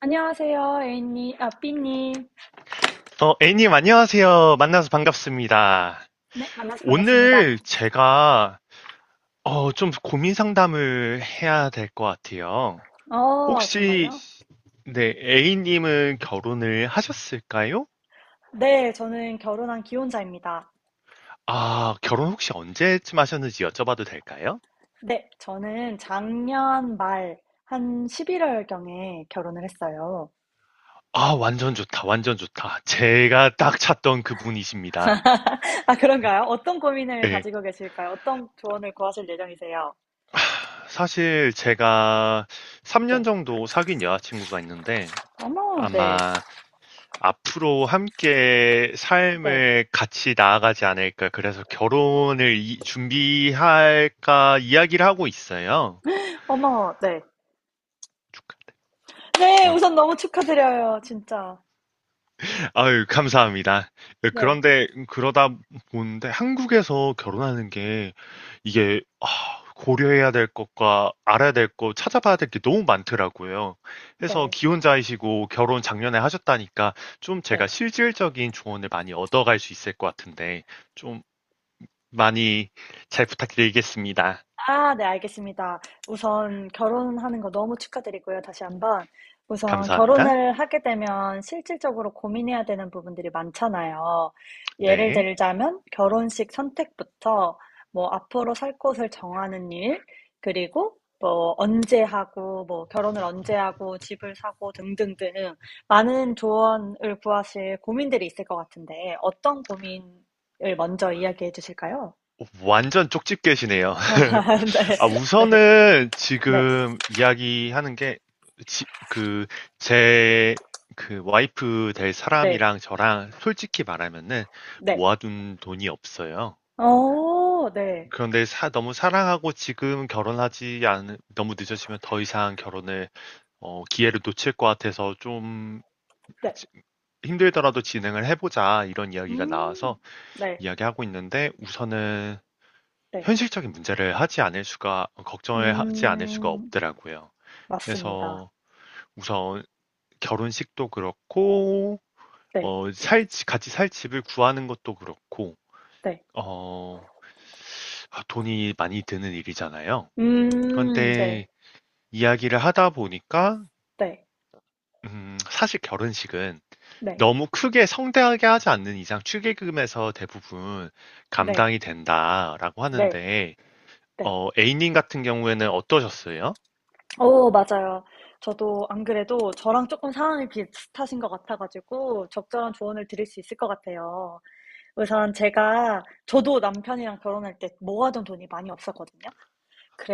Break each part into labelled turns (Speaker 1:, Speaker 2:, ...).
Speaker 1: 안녕하세요, A님, B님.
Speaker 2: 애님, 안녕하세요. 만나서 반갑습니다.
Speaker 1: 네, 만나서 반갑습니다.
Speaker 2: 오늘 제가, 좀 고민 상담을 해야 될 것 같아요.
Speaker 1: 어,
Speaker 2: 혹시,
Speaker 1: 정말요?
Speaker 2: 네, A님은 결혼을 하셨을까요?
Speaker 1: 네, 저는 결혼한 기혼자입니다.
Speaker 2: 아, 결혼 혹시 언제쯤 하셨는지 여쭤봐도 될까요?
Speaker 1: 네, 저는 작년 말, 한 11월경에 결혼을 했어요.
Speaker 2: 아, 완전 좋다, 완전 좋다. 제가 딱 찾던 그분이십니다.
Speaker 1: 아, 그런가요? 어떤 고민을
Speaker 2: 네,
Speaker 1: 가지고 계실까요? 어떤 조언을 구하실 예정이세요?
Speaker 2: 사실 제가 3년
Speaker 1: 네.
Speaker 2: 정도 사귄 여자친구가 있는데,
Speaker 1: 어머, 네.
Speaker 2: 아마 앞으로 함께
Speaker 1: 네.
Speaker 2: 삶을 같이 나아가지 않을까. 그래서 결혼을 준비할까 이야기를 하고 있어요.
Speaker 1: 어머, 네. 네,
Speaker 2: 어.
Speaker 1: 우선 너무 축하드려요, 진짜.
Speaker 2: 아유, 감사합니다. 네,
Speaker 1: 네,
Speaker 2: 그런데 그러다 보는데 한국에서 결혼하는 게 이게 고려해야 될 것과 알아야 될 것, 찾아봐야 될 게 너무 많더라고요. 그래서
Speaker 1: 네,
Speaker 2: 기혼자이시고 결혼 작년에 하셨다니까 좀
Speaker 1: 네.
Speaker 2: 제가 실질적인 조언을 많이 얻어갈 수 있을 것 같은데 좀 많이 잘 부탁드리겠습니다.
Speaker 1: 아, 네, 알겠습니다. 우선 결혼하는 거 너무 축하드리고요, 다시 한번. 우선
Speaker 2: 감사합니다.
Speaker 1: 결혼을 하게 되면 실질적으로 고민해야 되는 부분들이 많잖아요. 예를
Speaker 2: 네.
Speaker 1: 들자면 결혼식 선택부터 뭐 앞으로 살 곳을 정하는 일, 그리고 뭐 언제 하고 뭐 결혼을 언제 하고 집을 사고 등등등 많은 조언을 구하실 고민들이 있을 것 같은데 어떤 고민을 먼저 이야기해 주실까요?
Speaker 2: 완전 쪽집 게시네요.
Speaker 1: 네.
Speaker 2: 아,
Speaker 1: 네.
Speaker 2: 우선은
Speaker 1: 네.
Speaker 2: 지금 이야기하는 게, 지- 그, 제, 그 와이프 될
Speaker 1: 네.
Speaker 2: 사람이랑 저랑 솔직히 말하면은
Speaker 1: 네.
Speaker 2: 모아둔 돈이 없어요.
Speaker 1: 어, 네.
Speaker 2: 그런데 너무 사랑하고 지금 결혼하지 너무 늦어지면 더 이상 기회를 놓칠 것 같아서 좀
Speaker 1: 네.
Speaker 2: 힘들더라도 진행을 해보자 이런 이야기가
Speaker 1: 음.
Speaker 2: 나와서
Speaker 1: 네.
Speaker 2: 이야기하고 있는데 우선은
Speaker 1: 네.
Speaker 2: 현실적인 문제를 하지 않을 수가 걱정을 하지 않을 수가
Speaker 1: 음.
Speaker 2: 없더라고요.
Speaker 1: 맞습니다.
Speaker 2: 그래서 우선 결혼식도 그렇고
Speaker 1: 네.
Speaker 2: 같이 살 집을 구하는 것도 그렇고
Speaker 1: 네.
Speaker 2: 어, 돈이 많이 드는 일이잖아요.
Speaker 1: 음. 네.
Speaker 2: 그런데 이야기를 하다 보니까
Speaker 1: 네.
Speaker 2: 사실 결혼식은
Speaker 1: 네.
Speaker 2: 너무 크게 성대하게 하지 않는 이상 축의금에서 대부분
Speaker 1: 네.
Speaker 2: 감당이 된다라고
Speaker 1: 네.
Speaker 2: 하는데
Speaker 1: 네.
Speaker 2: A님 같은 경우에는 어떠셨어요?
Speaker 1: 어, 맞아요. 저도 안 그래도 저랑 조금 상황이 비슷하신 것 같아 가지고 적절한 조언을 드릴 수 있을 것 같아요. 우선 제가 저도 남편이랑 결혼할 때 모아둔 돈이 많이 없었거든요.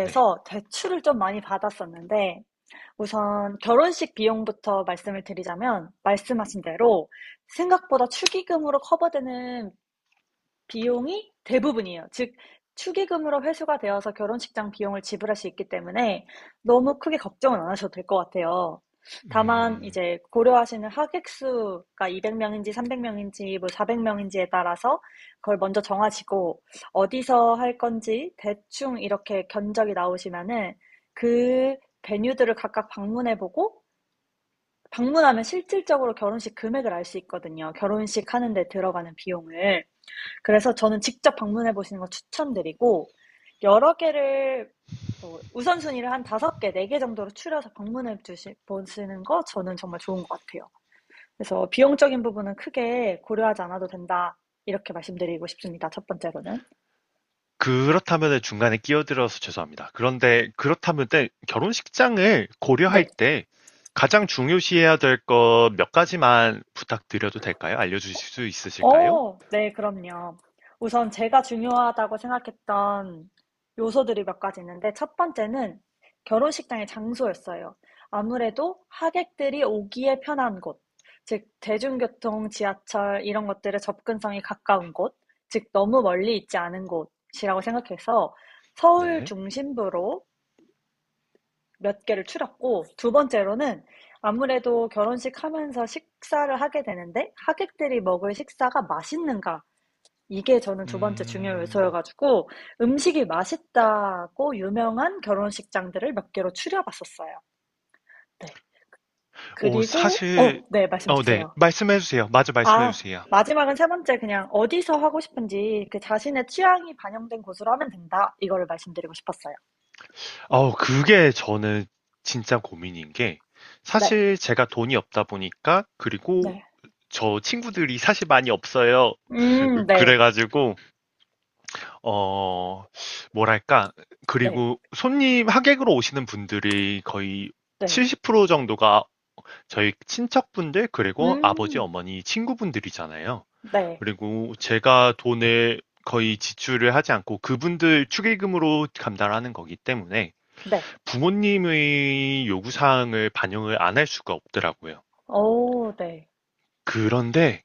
Speaker 2: 네.
Speaker 1: 대출을 좀 많이 받았었는데 우선 결혼식 비용부터 말씀을 드리자면, 말씀하신 대로 생각보다 축의금으로 커버되는 비용이 대부분이에요. 즉, 축의금으로 회수가 되어서 결혼식장 비용을 지불할 수 있기 때문에 너무 크게 걱정은 안 하셔도 될 것 같아요. 다만
Speaker 2: 음,
Speaker 1: 이제 고려하시는 하객 수가 200명인지 300명인지 뭐 400명인지에 따라서 그걸 먼저 정하시고 어디서 할 건지 대충 이렇게 견적이 나오시면은 그 베뉴들을 각각 방문해 보고, 방문하면 실질적으로 결혼식 금액을 알 수 있거든요. 결혼식 하는데 들어가는 비용을. 그래서 저는 직접 방문해 보시는 거 추천드리고, 여러 개를 뭐 우선순위를 한 다섯 개, 네 개 정도로 추려서 보시는 거 저는 정말 좋은 것 같아요. 그래서 비용적인 부분은 크게 고려하지 않아도 된다. 이렇게 말씀드리고 싶습니다. 첫 번째로는.
Speaker 2: 그렇다면 중간에 끼어들어서 죄송합니다. 그런데 그렇다면 때 결혼식장을 고려할
Speaker 1: 네.
Speaker 2: 때 가장 중요시해야 될 것 몇 가지만 부탁드려도 될까요? 알려주실 수 있으실까요?
Speaker 1: 어, 네, 그럼요. 우선 제가 중요하다고 생각했던 요소들이 몇 가지 있는데, 첫 번째는 결혼식장의 장소였어요. 아무래도 하객들이 오기에 편한 곳, 즉, 대중교통, 지하철, 이런 것들의 접근성이 가까운 곳, 즉, 너무 멀리 있지 않은 곳이라고 생각해서 서울
Speaker 2: 네.
Speaker 1: 중심부로 몇 개를 추렸고, 두 번째로는 아무래도 결혼식 하면서 식사를 하게 되는데, 하객들이 먹을 식사가 맛있는가, 이게 저는 두 번째 중요
Speaker 2: 음,
Speaker 1: 요소여가지고 음식이 맛있다고 유명한 결혼식장들을 몇 개로 추려봤었어요. 네.
Speaker 2: 오,
Speaker 1: 그리고,
Speaker 2: 사실,
Speaker 1: 어, 네, 말씀
Speaker 2: 네.
Speaker 1: 주세요.
Speaker 2: 말씀해주세요. 맞아,
Speaker 1: 아,
Speaker 2: 말씀해주세요.
Speaker 1: 마지막은 세 번째, 그냥 어디서 하고 싶은지 그 자신의 취향이 반영된 곳으로 하면 된다. 이거를 말씀드리고 싶었어요.
Speaker 2: 그게 저는 진짜 고민인 게
Speaker 1: 네,
Speaker 2: 사실 제가 돈이 없다 보니까 그리고
Speaker 1: 네.
Speaker 2: 저 친구들이 사실 많이 없어요.
Speaker 1: 네,
Speaker 2: 그래가지고, 어, 뭐랄까.
Speaker 1: 네,
Speaker 2: 그리고 손님, 하객으로 오시는 분들이 거의
Speaker 1: 네.
Speaker 2: 70% 정도가 저희 친척분들, 그리고 아버지,
Speaker 1: 음,
Speaker 2: 어머니, 친구분들이잖아요.
Speaker 1: 네,
Speaker 2: 그리고 제가 돈을 거의 지출을 하지 않고 그분들 축의금으로 감당하는 거기 때문에
Speaker 1: 네.
Speaker 2: 부모님의 요구사항을 반영을 안 할 수가 없더라고요.
Speaker 1: 오, 네,
Speaker 2: 그런데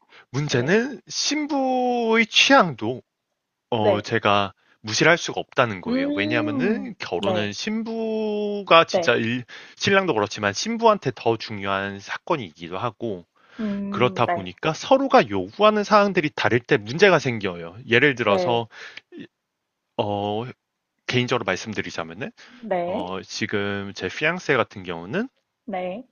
Speaker 1: 네,
Speaker 2: 문제는 신부의 취향도
Speaker 1: 네.
Speaker 2: 제가 무시를 할 수가 없다는 거예요.
Speaker 1: 음,
Speaker 2: 왜냐하면은 결혼은
Speaker 1: 네,
Speaker 2: 신부가 진짜
Speaker 1: 네.
Speaker 2: 일 신랑도 그렇지만 신부한테 더 중요한 사건이기도 하고 그렇다
Speaker 1: 네,
Speaker 2: 보니까 서로가 요구하는 사항들이 다를 때 문제가 생겨요. 예를
Speaker 1: 네.
Speaker 2: 들어서 어 개인적으로 말씀드리자면은
Speaker 1: 네,
Speaker 2: 지금 제 fiance 같은 경우는
Speaker 1: 네,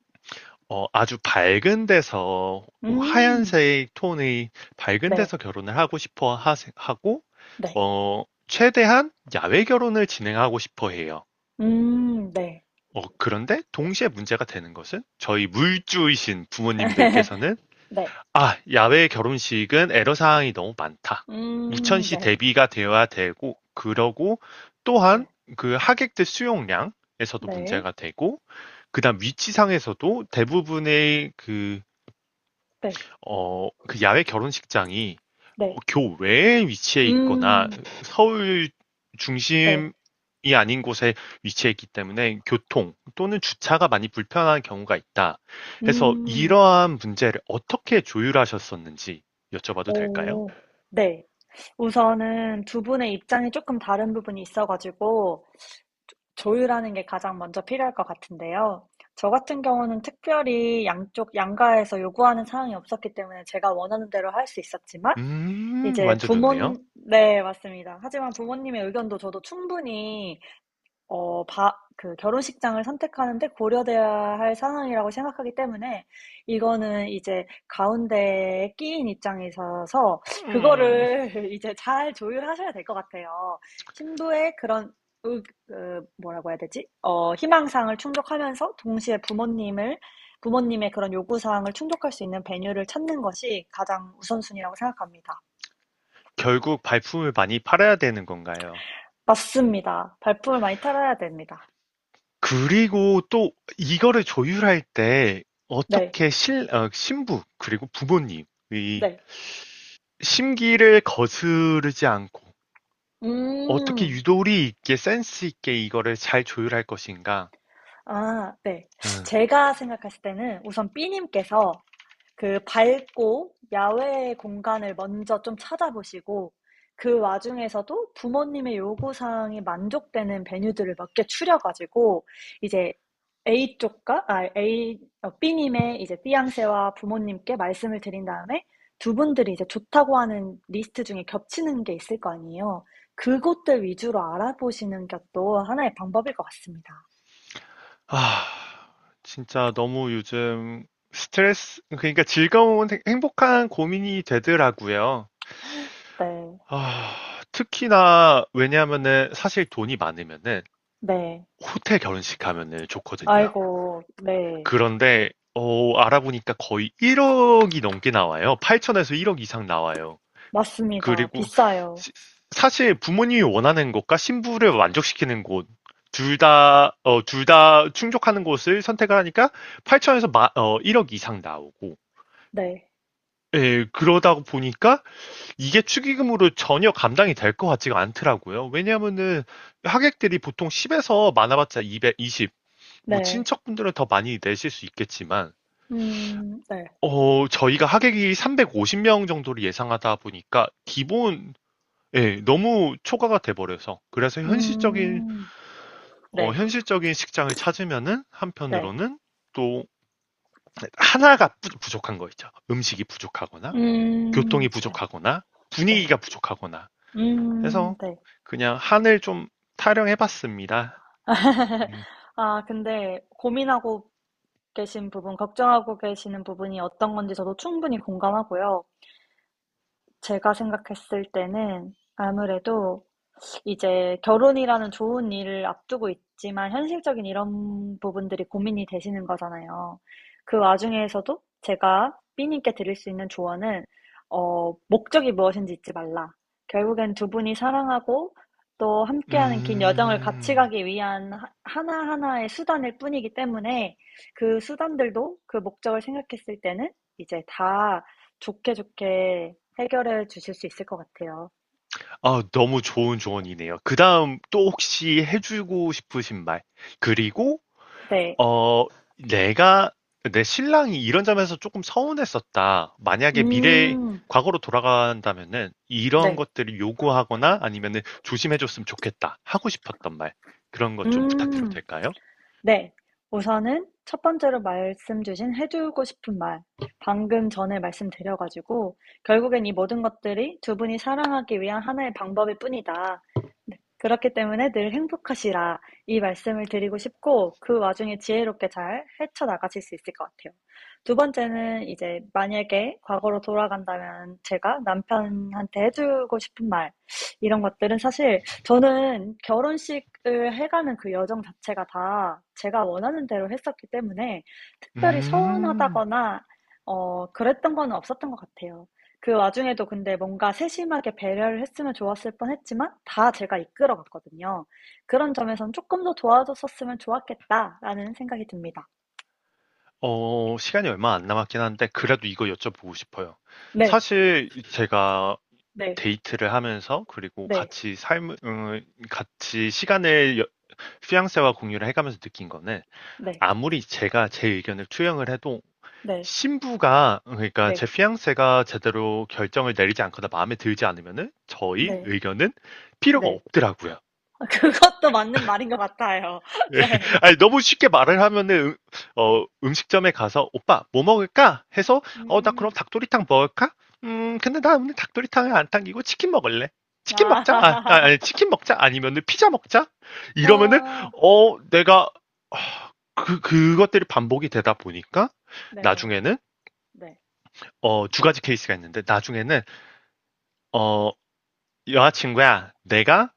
Speaker 2: 아주 밝은 데서
Speaker 1: 음,
Speaker 2: 하얀색 톤의 밝은
Speaker 1: 네,
Speaker 2: 데서 결혼을 하고 싶어 하 고
Speaker 1: 네,
Speaker 2: 최대한 야외 결혼을 진행하고 싶어 해요.
Speaker 1: 네,
Speaker 2: 그런데 동시에 문제가 되는 것은 저희 물주이신 부모님들께서는
Speaker 1: 네,
Speaker 2: 야외 결혼식은 애로사항이 너무 많다. 우천시
Speaker 1: 네,
Speaker 2: 대비가 되어야 되고 그러고 또한
Speaker 1: 네,
Speaker 2: 그 하객들 수용량에서도
Speaker 1: 네,
Speaker 2: 문제가 되고 그다음 위치상에서도 대부분의 그
Speaker 1: 네,
Speaker 2: 어 그 야외 결혼식장이
Speaker 1: 네,
Speaker 2: 교외에 위치해 있거나
Speaker 1: 음,
Speaker 2: 서울
Speaker 1: 네,
Speaker 2: 중심이 아닌 곳에 위치해 있기 때문에 교통 또는 주차가 많이 불편한 경우가 있다. 해서
Speaker 1: 음,
Speaker 2: 이러한 문제를 어떻게 조율하셨었는지 여쭤봐도 될까요?
Speaker 1: 오, 네. 우선은 두 분의 입장이 조금 다른 부분이 있어가지고 조율하는 게 가장 먼저 필요할 것 같은데요. 저 같은 경우는 특별히 양쪽 양가에서 요구하는 사항이 없었기 때문에 제가 원하는 대로 할 수 있었지만, 이제
Speaker 2: 완전 좋네요.
Speaker 1: 부모님, 네, 맞습니다. 하지만 부모님의 의견도 저도 충분히 어 바 그 결혼식장을 선택하는 데 고려되어야 할 상황이라고 생각하기 때문에, 이거는 이제 가운데에 끼인 입장이셔서
Speaker 2: 음,
Speaker 1: 그거를 이제 잘 조율하셔야 될 것 같아요. 신부의 그런 의 그 뭐라고 해야 되지? 어, 희망사항을 충족하면서 동시에 부모님을 부모님의 그런 요구사항을 충족할 수 있는 배뉴를 찾는 것이 가장 우선순위라고 생각합니다.
Speaker 2: 결국 발품을 많이 팔아야 되는 건가요?
Speaker 1: 맞습니다. 발품을 많이 팔아야 됩니다.
Speaker 2: 그리고 또 이거를 조율할 때
Speaker 1: 네.
Speaker 2: 어떻게 신부, 그리고 부모님이
Speaker 1: 네.
Speaker 2: 심기를 거스르지 않고 어떻게
Speaker 1: 음.
Speaker 2: 유도리 있게 센스 있게 이거를 잘 조율할 것인가.
Speaker 1: 아, 네.
Speaker 2: 응.
Speaker 1: 제가 생각했을 때는 우선 B 님께서 그 밝고 야외 공간을 먼저 좀 찾아보시고, 그 와중에서도 부모님의 요구 사항이 만족되는 베뉴들을 몇 개 추려 가지고 이제 A 쪽과 아 A 어 B 님의 이제 띠양 a 와 부모님께 말씀을 드린 다음에 두 분들이 이제 좋다고 하는 리스트 중에 겹치는 게 있을 거 아니에요. 그곳들 위주로 알아보시는 것도 하나의 방법일 것 같습니다.
Speaker 2: 아, 진짜 너무 요즘 스트레스, 그러니까 즐거운 행복한 고민이 되더라고요.
Speaker 1: 네.
Speaker 2: 아, 특히나 왜냐하면은 사실 돈이 많으면은
Speaker 1: 네.
Speaker 2: 호텔 결혼식 하면은 좋거든요.
Speaker 1: 아이고, 네.
Speaker 2: 그런데 알아보니까 거의 1억이 넘게 나와요. 8천에서 1억 이상 나와요.
Speaker 1: 맞습니다.
Speaker 2: 그리고
Speaker 1: 비싸요.
Speaker 2: 시- 사실 부모님이 원하는 것과 신부를 만족시키는 곳, 둘 다 충족하는 곳을 선택하니까 8천에서 1억 이상 나오고,
Speaker 1: 네.
Speaker 2: 예, 그러다 보니까 이게 축의금으로 전혀 감당이 될 것 같지가 않더라고요. 왜냐하면은 하객들이 보통 10에서 많아봤자 220, 뭐
Speaker 1: 네.
Speaker 2: 친척분들은 더 많이 내실 수 있겠지만,
Speaker 1: 네.
Speaker 2: 저희가 하객이 350명 정도를 예상하다 보니까 기본 예, 너무 초과가 돼 버려서. 그래서 현실적인
Speaker 1: 음, 네.
Speaker 2: 현실적인 식장을 찾으면은
Speaker 1: 네.
Speaker 2: 한편으로는 또 하나가 부 부족한 거 있죠. 음식이 부족하거나 교통이
Speaker 1: 네.
Speaker 2: 부족하거나
Speaker 1: 네.
Speaker 2: 분위기가 부족하거나 해서
Speaker 1: 네.
Speaker 2: 그냥 한을 좀 타령해 봤습니다. 음.
Speaker 1: 아, 근데 고민하고 계신 부분, 걱정하고 계시는 부분이 어떤 건지 저도 충분히 공감하고요. 제가 생각했을 때는 아무래도 이제 결혼이라는 좋은 일을 앞두고 있지만 현실적인 이런 부분들이 고민이 되시는 거잖아요. 그 와중에서도 제가 b 님께 드릴 수 있는 조언은 어, 목적이 무엇인지 잊지 말라. 결국엔 두 분이 사랑하고 또 함께하는 긴 여정을 같이
Speaker 2: 음.
Speaker 1: 가기 위한 하나하나의 수단일 뿐이기 때문에 그 수단들도 그 목적을 생각했을 때는 이제 다 좋게 좋게 해결해 주실 수 있을 것 같아요.
Speaker 2: 아 너무 좋은 조언이네요. 그다음 또 혹시 해 주고 싶으신 말 그리고
Speaker 1: 네.
Speaker 2: 어, 내가, 내 신랑이 이런 점에서 조금 서운했었다. 만약에
Speaker 1: 음.
Speaker 2: 과거로 돌아간다면은 이런
Speaker 1: 네.
Speaker 2: 것들을 요구하거나 아니면은 조심해줬으면 좋겠다. 하고 싶었던 말. 그런 것 좀 부탁드려도
Speaker 1: 음.
Speaker 2: 될까요?
Speaker 1: 네. 우선은 첫 번째로 말씀 주신 해주고 싶은 말. 방금 전에 말씀드려 가지고 결국엔 이 모든 것들이 두 분이 사랑하기 위한 하나의 방법일 뿐이다. 네. 그렇기 때문에 늘 행복하시라. 이 말씀을 드리고 싶고 그 와중에 지혜롭게 잘 헤쳐나가실 수 있을 것 같아요. 두 번째는 이제 만약에 과거로 돌아간다면 제가 남편한테 해 주고 싶은 말, 이런 것들은 사실 저는 결혼식을 해가는 그 여정 자체가 다 제가 원하는 대로 했었기 때문에 특별히
Speaker 2: 음,
Speaker 1: 서운하다거나 어, 그랬던 건 없었던 것 같아요. 그 와중에도 근데 뭔가 세심하게 배려를 했으면 좋았을 뻔했지만 다 제가 이끌어 갔거든요. 그런 점에선 조금 더 도와줬었으면 좋았겠다라는 생각이 듭니다.
Speaker 2: 시간이 얼마 안 남았긴 한데 그래도 이거 여쭤보고 싶어요.
Speaker 1: 네,
Speaker 2: 사실 제가
Speaker 1: 네,
Speaker 2: 데이트를 하면서 그리고
Speaker 1: 네,
Speaker 2: 같이 시간을 양세와 공유를 해가면서 느낀 거는
Speaker 1: 네,
Speaker 2: 아무리 제가 제 의견을 투영을 해도
Speaker 1: 네,
Speaker 2: 신부가 그러니까
Speaker 1: 네,
Speaker 2: 제 fiance가 제대로 결정을 내리지 않거나 마음에 들지 않으면은 저희
Speaker 1: 네,
Speaker 2: 의견은 필요가
Speaker 1: 네.
Speaker 2: 없더라고요.
Speaker 1: 그것도 맞는 말인 것 같아요.
Speaker 2: 예.
Speaker 1: 네,
Speaker 2: 아니, 너무 쉽게 말을 하면은,
Speaker 1: 네.
Speaker 2: 음식점에 가서, 오빠, 뭐 먹을까? 해서,
Speaker 1: 음,
Speaker 2: 나 그럼
Speaker 1: 음.
Speaker 2: 닭도리탕 먹을까? 근데 나 오늘 닭도리탕은 안 당기고 치킨 먹을래. 치킨 먹자?
Speaker 1: 아,
Speaker 2: 아니, 치킨 먹자? 아니면은 피자 먹자? 이러면은,
Speaker 1: 아,
Speaker 2: 어, 내가, 아, 그, 그것들이 반복이 되다 보니까,
Speaker 1: 네,
Speaker 2: 나중에는,
Speaker 1: 네,
Speaker 2: 두 가지 케이스가 있는데, 나중에는, 어, 여자친구야, 내가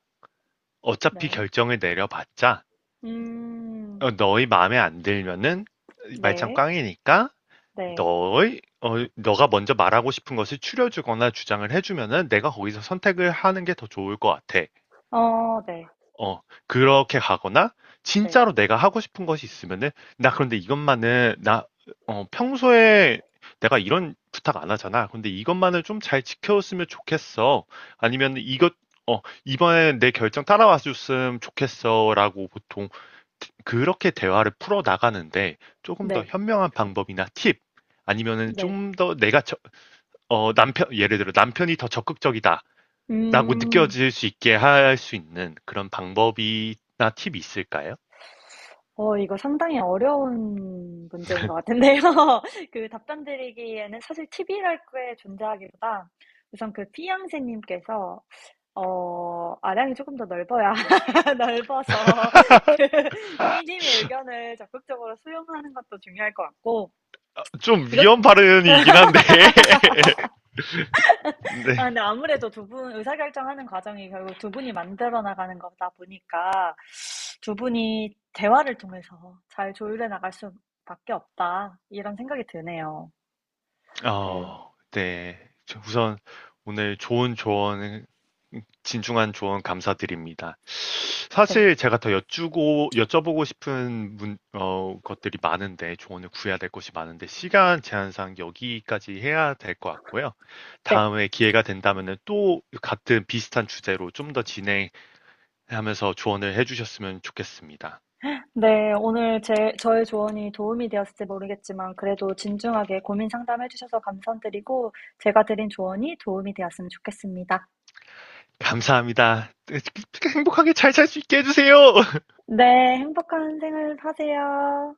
Speaker 2: 어차피
Speaker 1: 네.
Speaker 2: 결정을 내려봤자,
Speaker 1: 음,
Speaker 2: 너희 마음에 안 들면은, 말짱
Speaker 1: 네,
Speaker 2: 꽝이니까,
Speaker 1: 네.
Speaker 2: 너가 먼저 말하고 싶은 것을 추려 주거나 주장을 해 주면은 내가 거기서 선택을 하는 게 더 좋을 것 같아.
Speaker 1: 어, 네,
Speaker 2: 어, 그렇게 가거나
Speaker 1: 네,
Speaker 2: 진짜로 내가 하고 싶은 것이 있으면은 나 그런데 이것만은 평소에 내가 이런 부탁 안 하잖아. 근데 이것만을 좀 잘 지켜줬으면 좋겠어. 아니면 이번에 내 결정 따라와 줬으면 좋겠어라고 보통 그렇게 대화를 풀어 나가는데 조금 더
Speaker 1: 네,
Speaker 2: 현명한 방법이나 팁 아니면은
Speaker 1: 네.
Speaker 2: 좀 더 내가 남편 예를 들어 남편이 더 적극적이다. 라고
Speaker 1: 음,
Speaker 2: 느껴질 수 있게 할 수 있는 그런 방법이나 팁이 있을까요?
Speaker 1: 어, 이거 상당히 어려운 문제인 것 같은데요. 그 답변 드리기에는 사실 팁이랄 게 존재하기보다 우선 그 피양새님께서, 어, 아량이 조금 더 넓어야, 넓어서 그 B님의 의견을 적극적으로 수용하는 것도 중요할 것 같고,
Speaker 2: 좀
Speaker 1: 이
Speaker 2: 위험 발언이긴 한데.
Speaker 1: 아,
Speaker 2: 네.
Speaker 1: 근데 아무래도 두 분, 의사결정하는 과정이 결국 두 분이 만들어 나가는 거다 보니까 두 분이 대화를 통해서 잘 조율해 나갈 수밖에 없다. 이런 생각이 드네요. 네,
Speaker 2: 네. 우선 오늘 좋은 조언, 진중한 조언 감사드립니다.
Speaker 1: 네,
Speaker 2: 사실 제가 더 여쭈고 여쭤보고 싶은 것들이 많은데 조언을 구해야 될 것이 많은데 시간 제한상 여기까지 해야 될 것 같고요.
Speaker 1: 네.
Speaker 2: 다음에 기회가 된다면은 또 같은 비슷한 주제로 좀 더 진행하면서 조언을 해주셨으면 좋겠습니다.
Speaker 1: 네, 오늘 제, 저의 조언이 도움이 되었을지 모르겠지만 그래도 진중하게 고민 상담해 주셔서 감사드리고 제가 드린 조언이 도움이 되었으면 좋겠습니다.
Speaker 2: 감사합니다. 행복하게 잘 살 수 있게 해주세요.
Speaker 1: 네, 행복한 생활 하세요